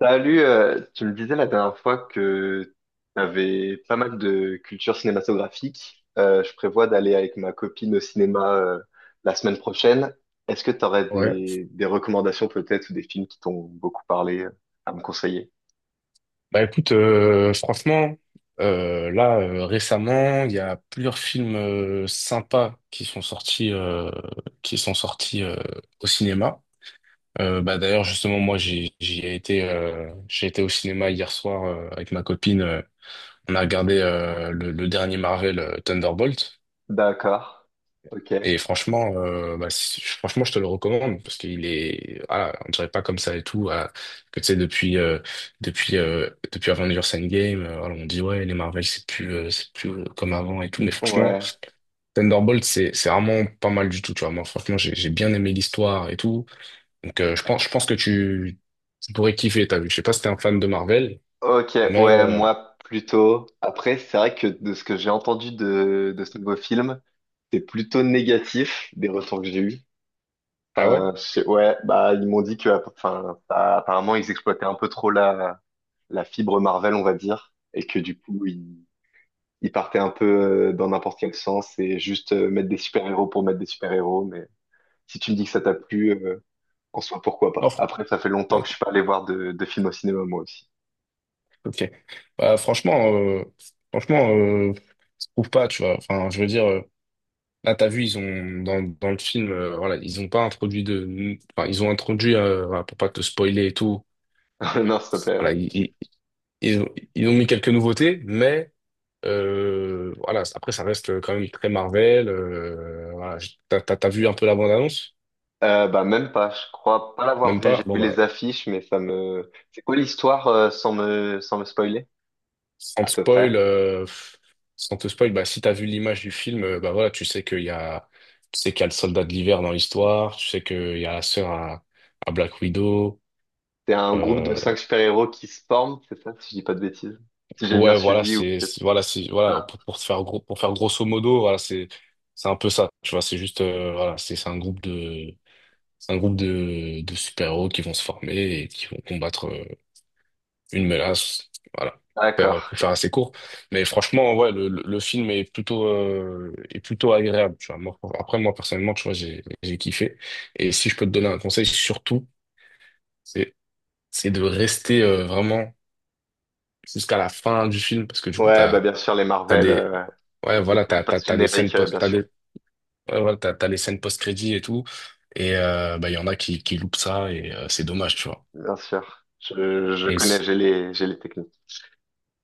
Salut, tu me disais la dernière fois que tu avais pas mal de culture cinématographique. Je prévois d'aller avec ma copine au cinéma la semaine prochaine. Est-ce que tu aurais Ouais. des recommandations peut-être ou des films qui t'ont beaucoup parlé à me conseiller? Bah écoute, franchement, là récemment, il y a plusieurs films sympas qui sont sortis, qui sont sortis euh, au cinéma. Bah d'ailleurs justement moi j'ai été au cinéma hier soir avec ma copine. On a regardé le dernier Marvel, Thunderbolt. D'accord. Ok. Et franchement, franchement, je te le recommande parce qu'il est, voilà, on dirait pas comme ça et tout. Voilà, que tu sais, depuis, euh, depuis Avengers Endgame, voilà, on dit ouais, les Marvel, c'est plus, comme avant et tout. Mais franchement, Ouais. Thunderbolt, c'est vraiment pas mal du tout. Tu vois, moi, franchement, j'ai bien aimé l'histoire et tout. Donc, je pense que tu pourrais kiffer. T'as vu, je sais pas si t'es un fan de Marvel, Ok, mais ouais, moi plutôt. Après, c'est vrai que de ce que j'ai entendu de ce nouveau film, c'est plutôt négatif des retours que j'ai eus. ah ouais, Ouais, bah ils m'ont dit que enfin, bah, apparemment ils exploitaient un peu trop la fibre Marvel, on va dire, et que ils partaient un peu dans n'importe quel sens et juste mettre des super-héros pour mettre des super-héros. Mais si tu me dis que ça t'a plu, en soi pourquoi non, pas. fr- Après, ça fait longtemps bah, que je écoute, suis pas allé voir de films au cinéma moi aussi. ok. Bah, franchement, je trouve pas. Tu vois, enfin, je veux dire. Là, t'as vu, ils ont dans le film, ils ont introduit, voilà, pour pas te spoiler et tout. Non, s'il te plaît. Ouais. Voilà, ils ont, ils ont mis quelques nouveautés, mais voilà, après ça reste quand même très Marvel. T'as vu un peu la bande-annonce? Bah même pas, je crois pas l'avoir Même vu. J'ai pas? Bon vu bah, les affiches, mais ça me. C'est quoi l'histoire sans me spoiler, sans à te peu près? spoil, euh, pff, sans te spoil, bah si t'as vu l'image du film, bah voilà, tu sais qu'il y a le soldat de l'hiver dans l'histoire, tu sais qu'il y a la sœur à Black Widow. C'est un groupe de euh, cinq super-héros qui se forment, c'est ça, si je dis pas de bêtises? Si j'ai bien Ouais, voilà, suivi, ou c'est, peut-être c'est- voilà, c'est, voilà, pas. pour, pour faire gros, pour faire grosso modo, voilà, c'est un peu ça, tu vois, c'est juste, c'est un groupe de super-héros qui vont se former et qui vont combattre une menace, voilà, D'accord. Pour faire assez court. Mais franchement, ouais, le film est plutôt agréable, tu vois. Moi, après, moi, personnellement, tu vois, j'ai kiffé. Et si je peux te donner un conseil, surtout, c'est, c'est de rester vraiment jusqu'à la fin du film parce que du coup, Ouais, bah bien sûr, les T'as Marvel, des, ouais, voilà, même pas t'as des scènes générique, post, bien sûr. ouais, voilà, t'as les scènes post-crédit et tout. Et, bah, il y en a qui loupent ça et c'est dommage, tu vois. Bien sûr. Je Et, connais, s- j'ai les techniques.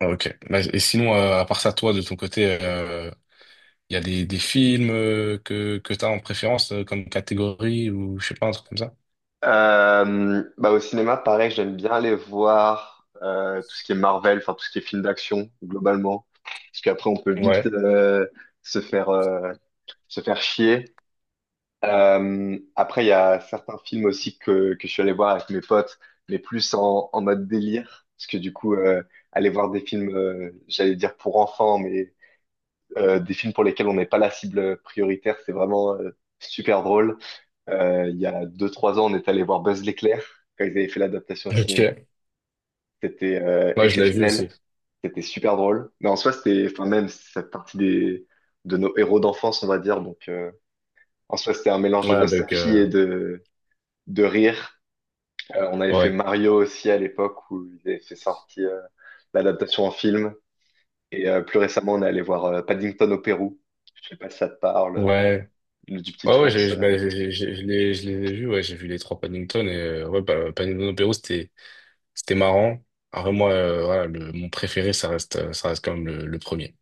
ah, ok. Bah, et sinon, à part ça, toi, de ton côté, il y a des films que t'as en préférence comme catégorie, ou je sais pas, un truc comme ça? Bah au cinéma, pareil, j'aime bien aller voir tout ce qui est Marvel, enfin tout ce qui est film d'action, globalement. Parce qu'après, on peut vite Ouais. Se faire, euh, se faire chier. Après, il y a certains films aussi que je suis allé voir avec mes potes, mais plus en mode délire. Parce que du coup, aller voir des films, j'allais dire pour enfants, mais des films pour lesquels on n'est pas la cible prioritaire, c'est vraiment super drôle. Il y a deux, trois ans, on est allé voir Buzz l'éclair quand ils avaient fait l'adaptation au cinéma. Ok. C'était Ouais, je l'avais vu aussi. exceptionnel. C'était super drôle. Mais en soi, c'était, enfin, même cette partie de nos héros d'enfance, on va dire. Donc, en soi, c'était un mélange Ouais, de avec, nostalgie et de rire. On avait fait ouais. Mario aussi à l'époque où ils avaient fait sortir l'adaptation en film. Et plus récemment, on est allé voir Paddington au Pérou. Je sais pas si ça te parle, Ouais. le du petit Ouais, ouais, ours. Je les ai vus, ouais, j'ai vu les trois Paddington et, ouais, bah, Paddington au c'était, c'était marrant. Après, moi, mon préféré, ça reste quand même le premier.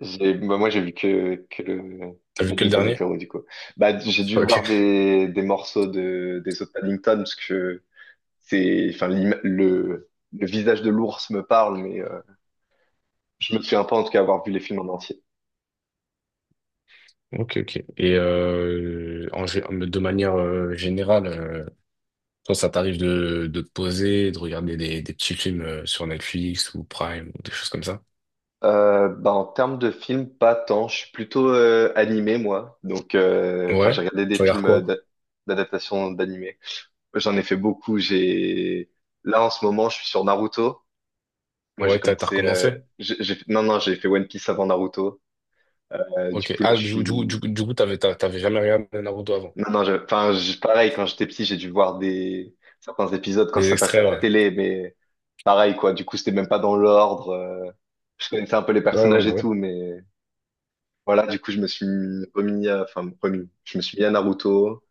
Bah, moi, j'ai vu que T'as vu que le Paddington au dernier? Pérou, du coup. Bah, j'ai dû Ok. voir des morceaux des autres Paddington parce que c'est, enfin, le visage de l'ours me parle, mais je me souviens pas en tout cas avoir vu les films en entier. Ok, ok. Et de manière générale, toi, ça t'arrive de te poser, de regarder des petits films sur Netflix ou Prime ou des choses comme ça? Bah, en termes de films, pas tant. Je suis plutôt animé, moi. Donc, enfin, j'ai Ouais. regardé des Tu regardes films quoi? d'adaptation d'animé. J'en ai fait beaucoup. J'ai là en ce moment, je suis sur Naruto. Moi, j'ai Ouais, t'as commencé. Recommencé? Non, non, j'ai fait One Piece avant Naruto. Du Ok. coup, là, Ah, je suis. du coup, t'avais jamais regardé Naruto avant. Non, non, pareil. Quand j'étais petit, j'ai dû voir des certains épisodes quand Des ça passait extraits, à la ouais. télé, mais pareil, quoi. Du coup, c'était même pas dans l'ordre. Je connaissais un peu les Ouais, ouais, personnages bah et ouais. tout, mais voilà, du coup, je me suis mis à Naruto.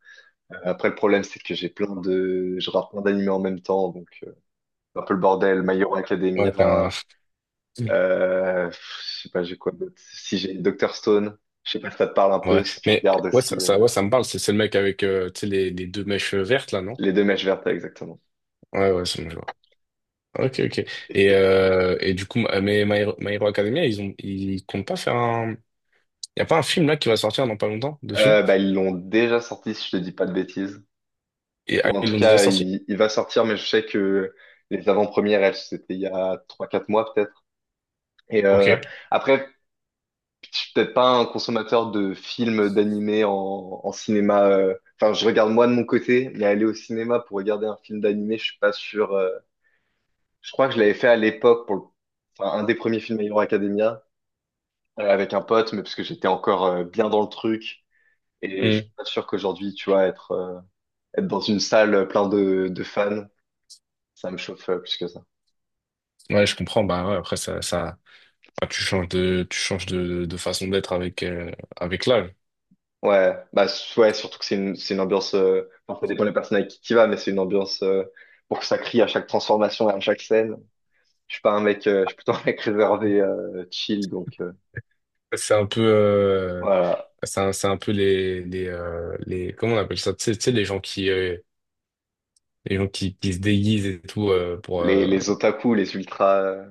Après, le problème, c'est que j'ai plein de, je rate plein d'animés en même temps, donc, c'est un peu le bordel. My Hero Ouais, t'es un, Academia, euh, pff, je sais pas, j'ai quoi d'autre. Si j'ai Doctor Stone, je sais pas si ça te parle un peu, Ouais, si tu mais regardes aussi, ouais, ça me parle. C'est le mec avec tu sais, les deux mèches vertes, là, non? les deux mèches vertes, exactement. Ouais, ouais, c'est bon, je ok, ok. Et- et- Et du coup, ma- mais My Hero, My Hero Academia, ils comptent pas faire un. Y a pas un film là qui va sortir dans pas longtemps dessus? Bah, ils l'ont déjà sorti, si je te dis pas de bêtises. Et ah, Ou en ils tout l'ont déjà cas, sorti? Il va sortir, mais je sais que les avant-premières, elles, c'était il y a trois, quatre mois, peut-être. Et, Ok. après, je suis peut-être pas un consommateur de films, d'animés en cinéma. Enfin, je regarde moi de mon côté, mais aller au cinéma pour regarder un film d'animé, je suis pas sûr. Je crois que je l'avais fait à l'époque enfin, un des premiers films My Hero Academia avec un pote, mais parce que j'étais encore bien dans le truc. Et je Hmm. suis pas sûr qu'aujourd'hui, tu vois, être dans une salle plein de fans, ça me chauffe plus que ça. Ouais, je comprends. Bah ouais, après, ça, ah, tu changes de façon d'être avec, avec l'âge. Ouais, surtout que c'est une ambiance. Enfin, ça dépend des personnes avec qui tu vas, mais c'est une ambiance pour que ça crie à chaque transformation et à chaque scène. Je suis pas un mec, Je suis plutôt un mec réservé, chill, donc C'est un peu, euh, voilà. c'est c'est un peu les, comment on appelle ça? Tu sais, les gens qui se déguisent et tout pour Les otaku, les ultras,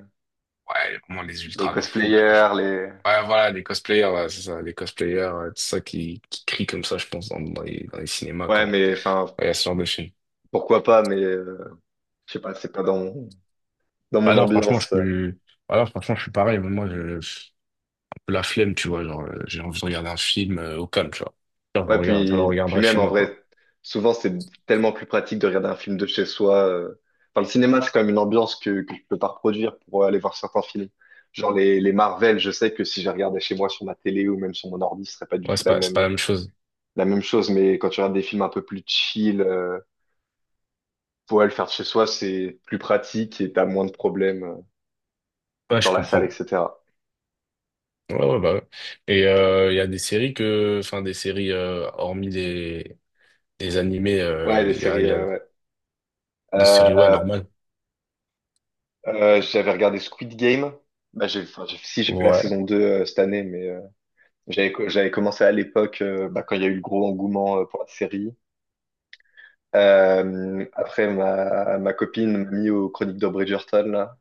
ouais vraiment les les ultras de fou, tu vois, je- cosplayers, les... ouais voilà les cosplayers, ouais, c'est ça, les cosplayers, c'est ça qui crient comme ça je pense dans dans les cinémas Ouais, mais enfin, quand il y a ce genre de film. pourquoi pas, mais je sais pas, c'est pas dans mon, dans mon alors franchement je ambiance. Suis alors franchement je suis pareil, mais moi je, un peu la flemme, tu vois, genre j'ai envie de regarder un film au calme, tu vois. Genre, je le Ouais, regarde je le puis regarderai même, chez en moi quoi. vrai, souvent, c'est tellement plus pratique de regarder un film de chez soi. Enfin, le cinéma, c'est quand même une ambiance que je peux pas reproduire pour aller voir certains films. Genre les Marvel, je sais que si je les regardais chez moi sur ma télé ou même sur mon ordi, ce serait pas du Ouais, tout c'est pas la même chose. la même chose, mais quand tu regardes des films un peu plus chill, pour le faire de chez soi, c'est plus pratique et t'as moins de problèmes que Ouais, dans je la salle, comprends. etc. Ouais ouais bah ouais. Et il y a des séries que enfin des séries hormis des animés, Ouais, les séries, il y a ouais. des séries, ouais, Euh, normal. J'avais regardé Squid Game. Si, j'ai fait la Ouais. saison 2 cette année, mais j'avais commencé à l'époque, bah, quand il y a eu le gros engouement pour la série. Après, ma copine m'a mis aux Chroniques de Bridgerton, là.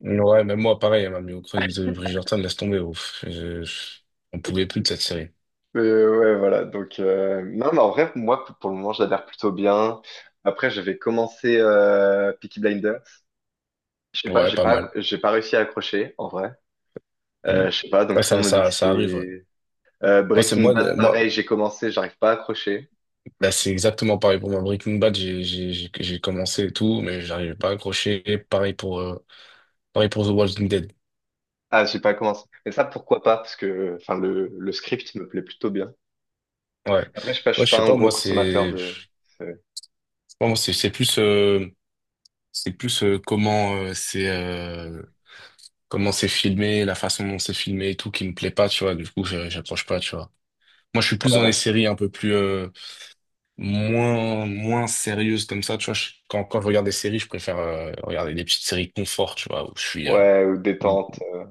Ouais, même moi, pareil, elle m'a mis aux chroniques de Bridgerton, laisse tomber. Ouf. On pouvait plus de cette série. Mais ouais, voilà. Donc, non, mais en vrai, moi, pour le moment, j'adhère plutôt bien. Après, j'avais commencé Peaky Blinders. Je sais pas, Ouais, pas mal. j'ai pas réussi à accrocher, en vrai. Mm. Je sais pas, donc Ouais, tout le monde me dit que ça arrive, ouais. c'est... Moi, c'est Breaking moi, le- Bad, moi, pareil, j'ai commencé, j'arrive pas à accrocher. bah, C'est exactement pareil pour moi. Breaking Bad, j'ai commencé et tout, mais j'arrivais pas à accrocher. Pareil pour, euh, pareil pour The Walking Dead. Ah, j'ai pas commencé. Mais ça, pourquoi pas? Parce que, enfin, le script me plaît plutôt bien. Ouais. Après, je sais pas, je Ouais, suis je pas sais un pas, gros moi, consommateur c'est, je de- moi, c'est plus, c'est plus, euh, comment, euh, c'est, euh, comment c'est filmé, la façon dont c'est filmé et tout qui me plaît pas, tu vois. Du coup, je- j'accroche pas, tu vois. Moi, je suis plus dans les Ouais, séries un peu plus moins moins sérieuses comme ça. Tu vois, je- quand je regarde des séries, je préfère regarder des petites séries confort, tu vois, où je suis ouais, ou où- détente.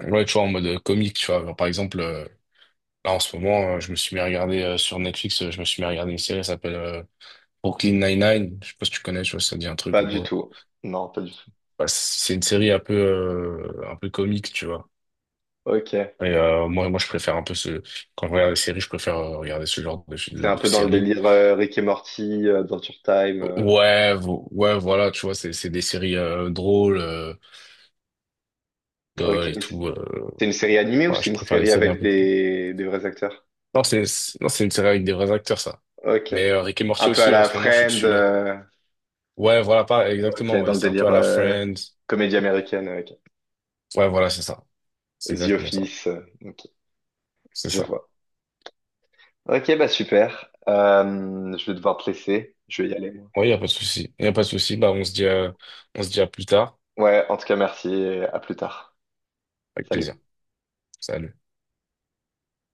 ouais, tu vois, en mode comique, tu vois. Genre, par exemple, là en ce moment, je me suis mis à regarder sur Netflix, je me suis mis à regarder une série, elle s'appelle Brooklyn Nine-Nine. Je sais pas si tu connais, tu vois, si ça te dit un truc Pas ou du quoi. tout. Non, pas du tout. Bah, c'est une série un peu comique, tu vois. Ok. Et moi, je préfère un peu ce quand je regarde des séries, je préfère regarder ce genre C'est un de peu dans le séries. délire Rick et Morty, Adventure Time. Ouais, ouais, voilà, tu vois, c'est des séries drôles Ok. et tout. C'est une série animée ou Ouais, c'est je une préfère les série séries un avec peu plus. Des vrais acteurs? Non, c'est une série avec des vrais acteurs, ça. Ok. Mais Rick et Morty Un peu à aussi, en la ce moment, je suis Friend. dessus là. Ouais, voilà, pas Ok, exactement. dans Ouais, le c'est un peu délire à la Friends. comédie américaine. Ok. Ouais, voilà, c'est ça. C'est The exactement ça. Office. Ok, C'est je ça. vois. Ok, bah super. Je vais devoir te laisser. Je vais y aller, moi. Ouais, y a pas de souci. Y a pas de souci. Bah, on se dit à plus tard. Ouais, en tout cas, merci et à plus tard. Avec plaisir. Salut. Salut.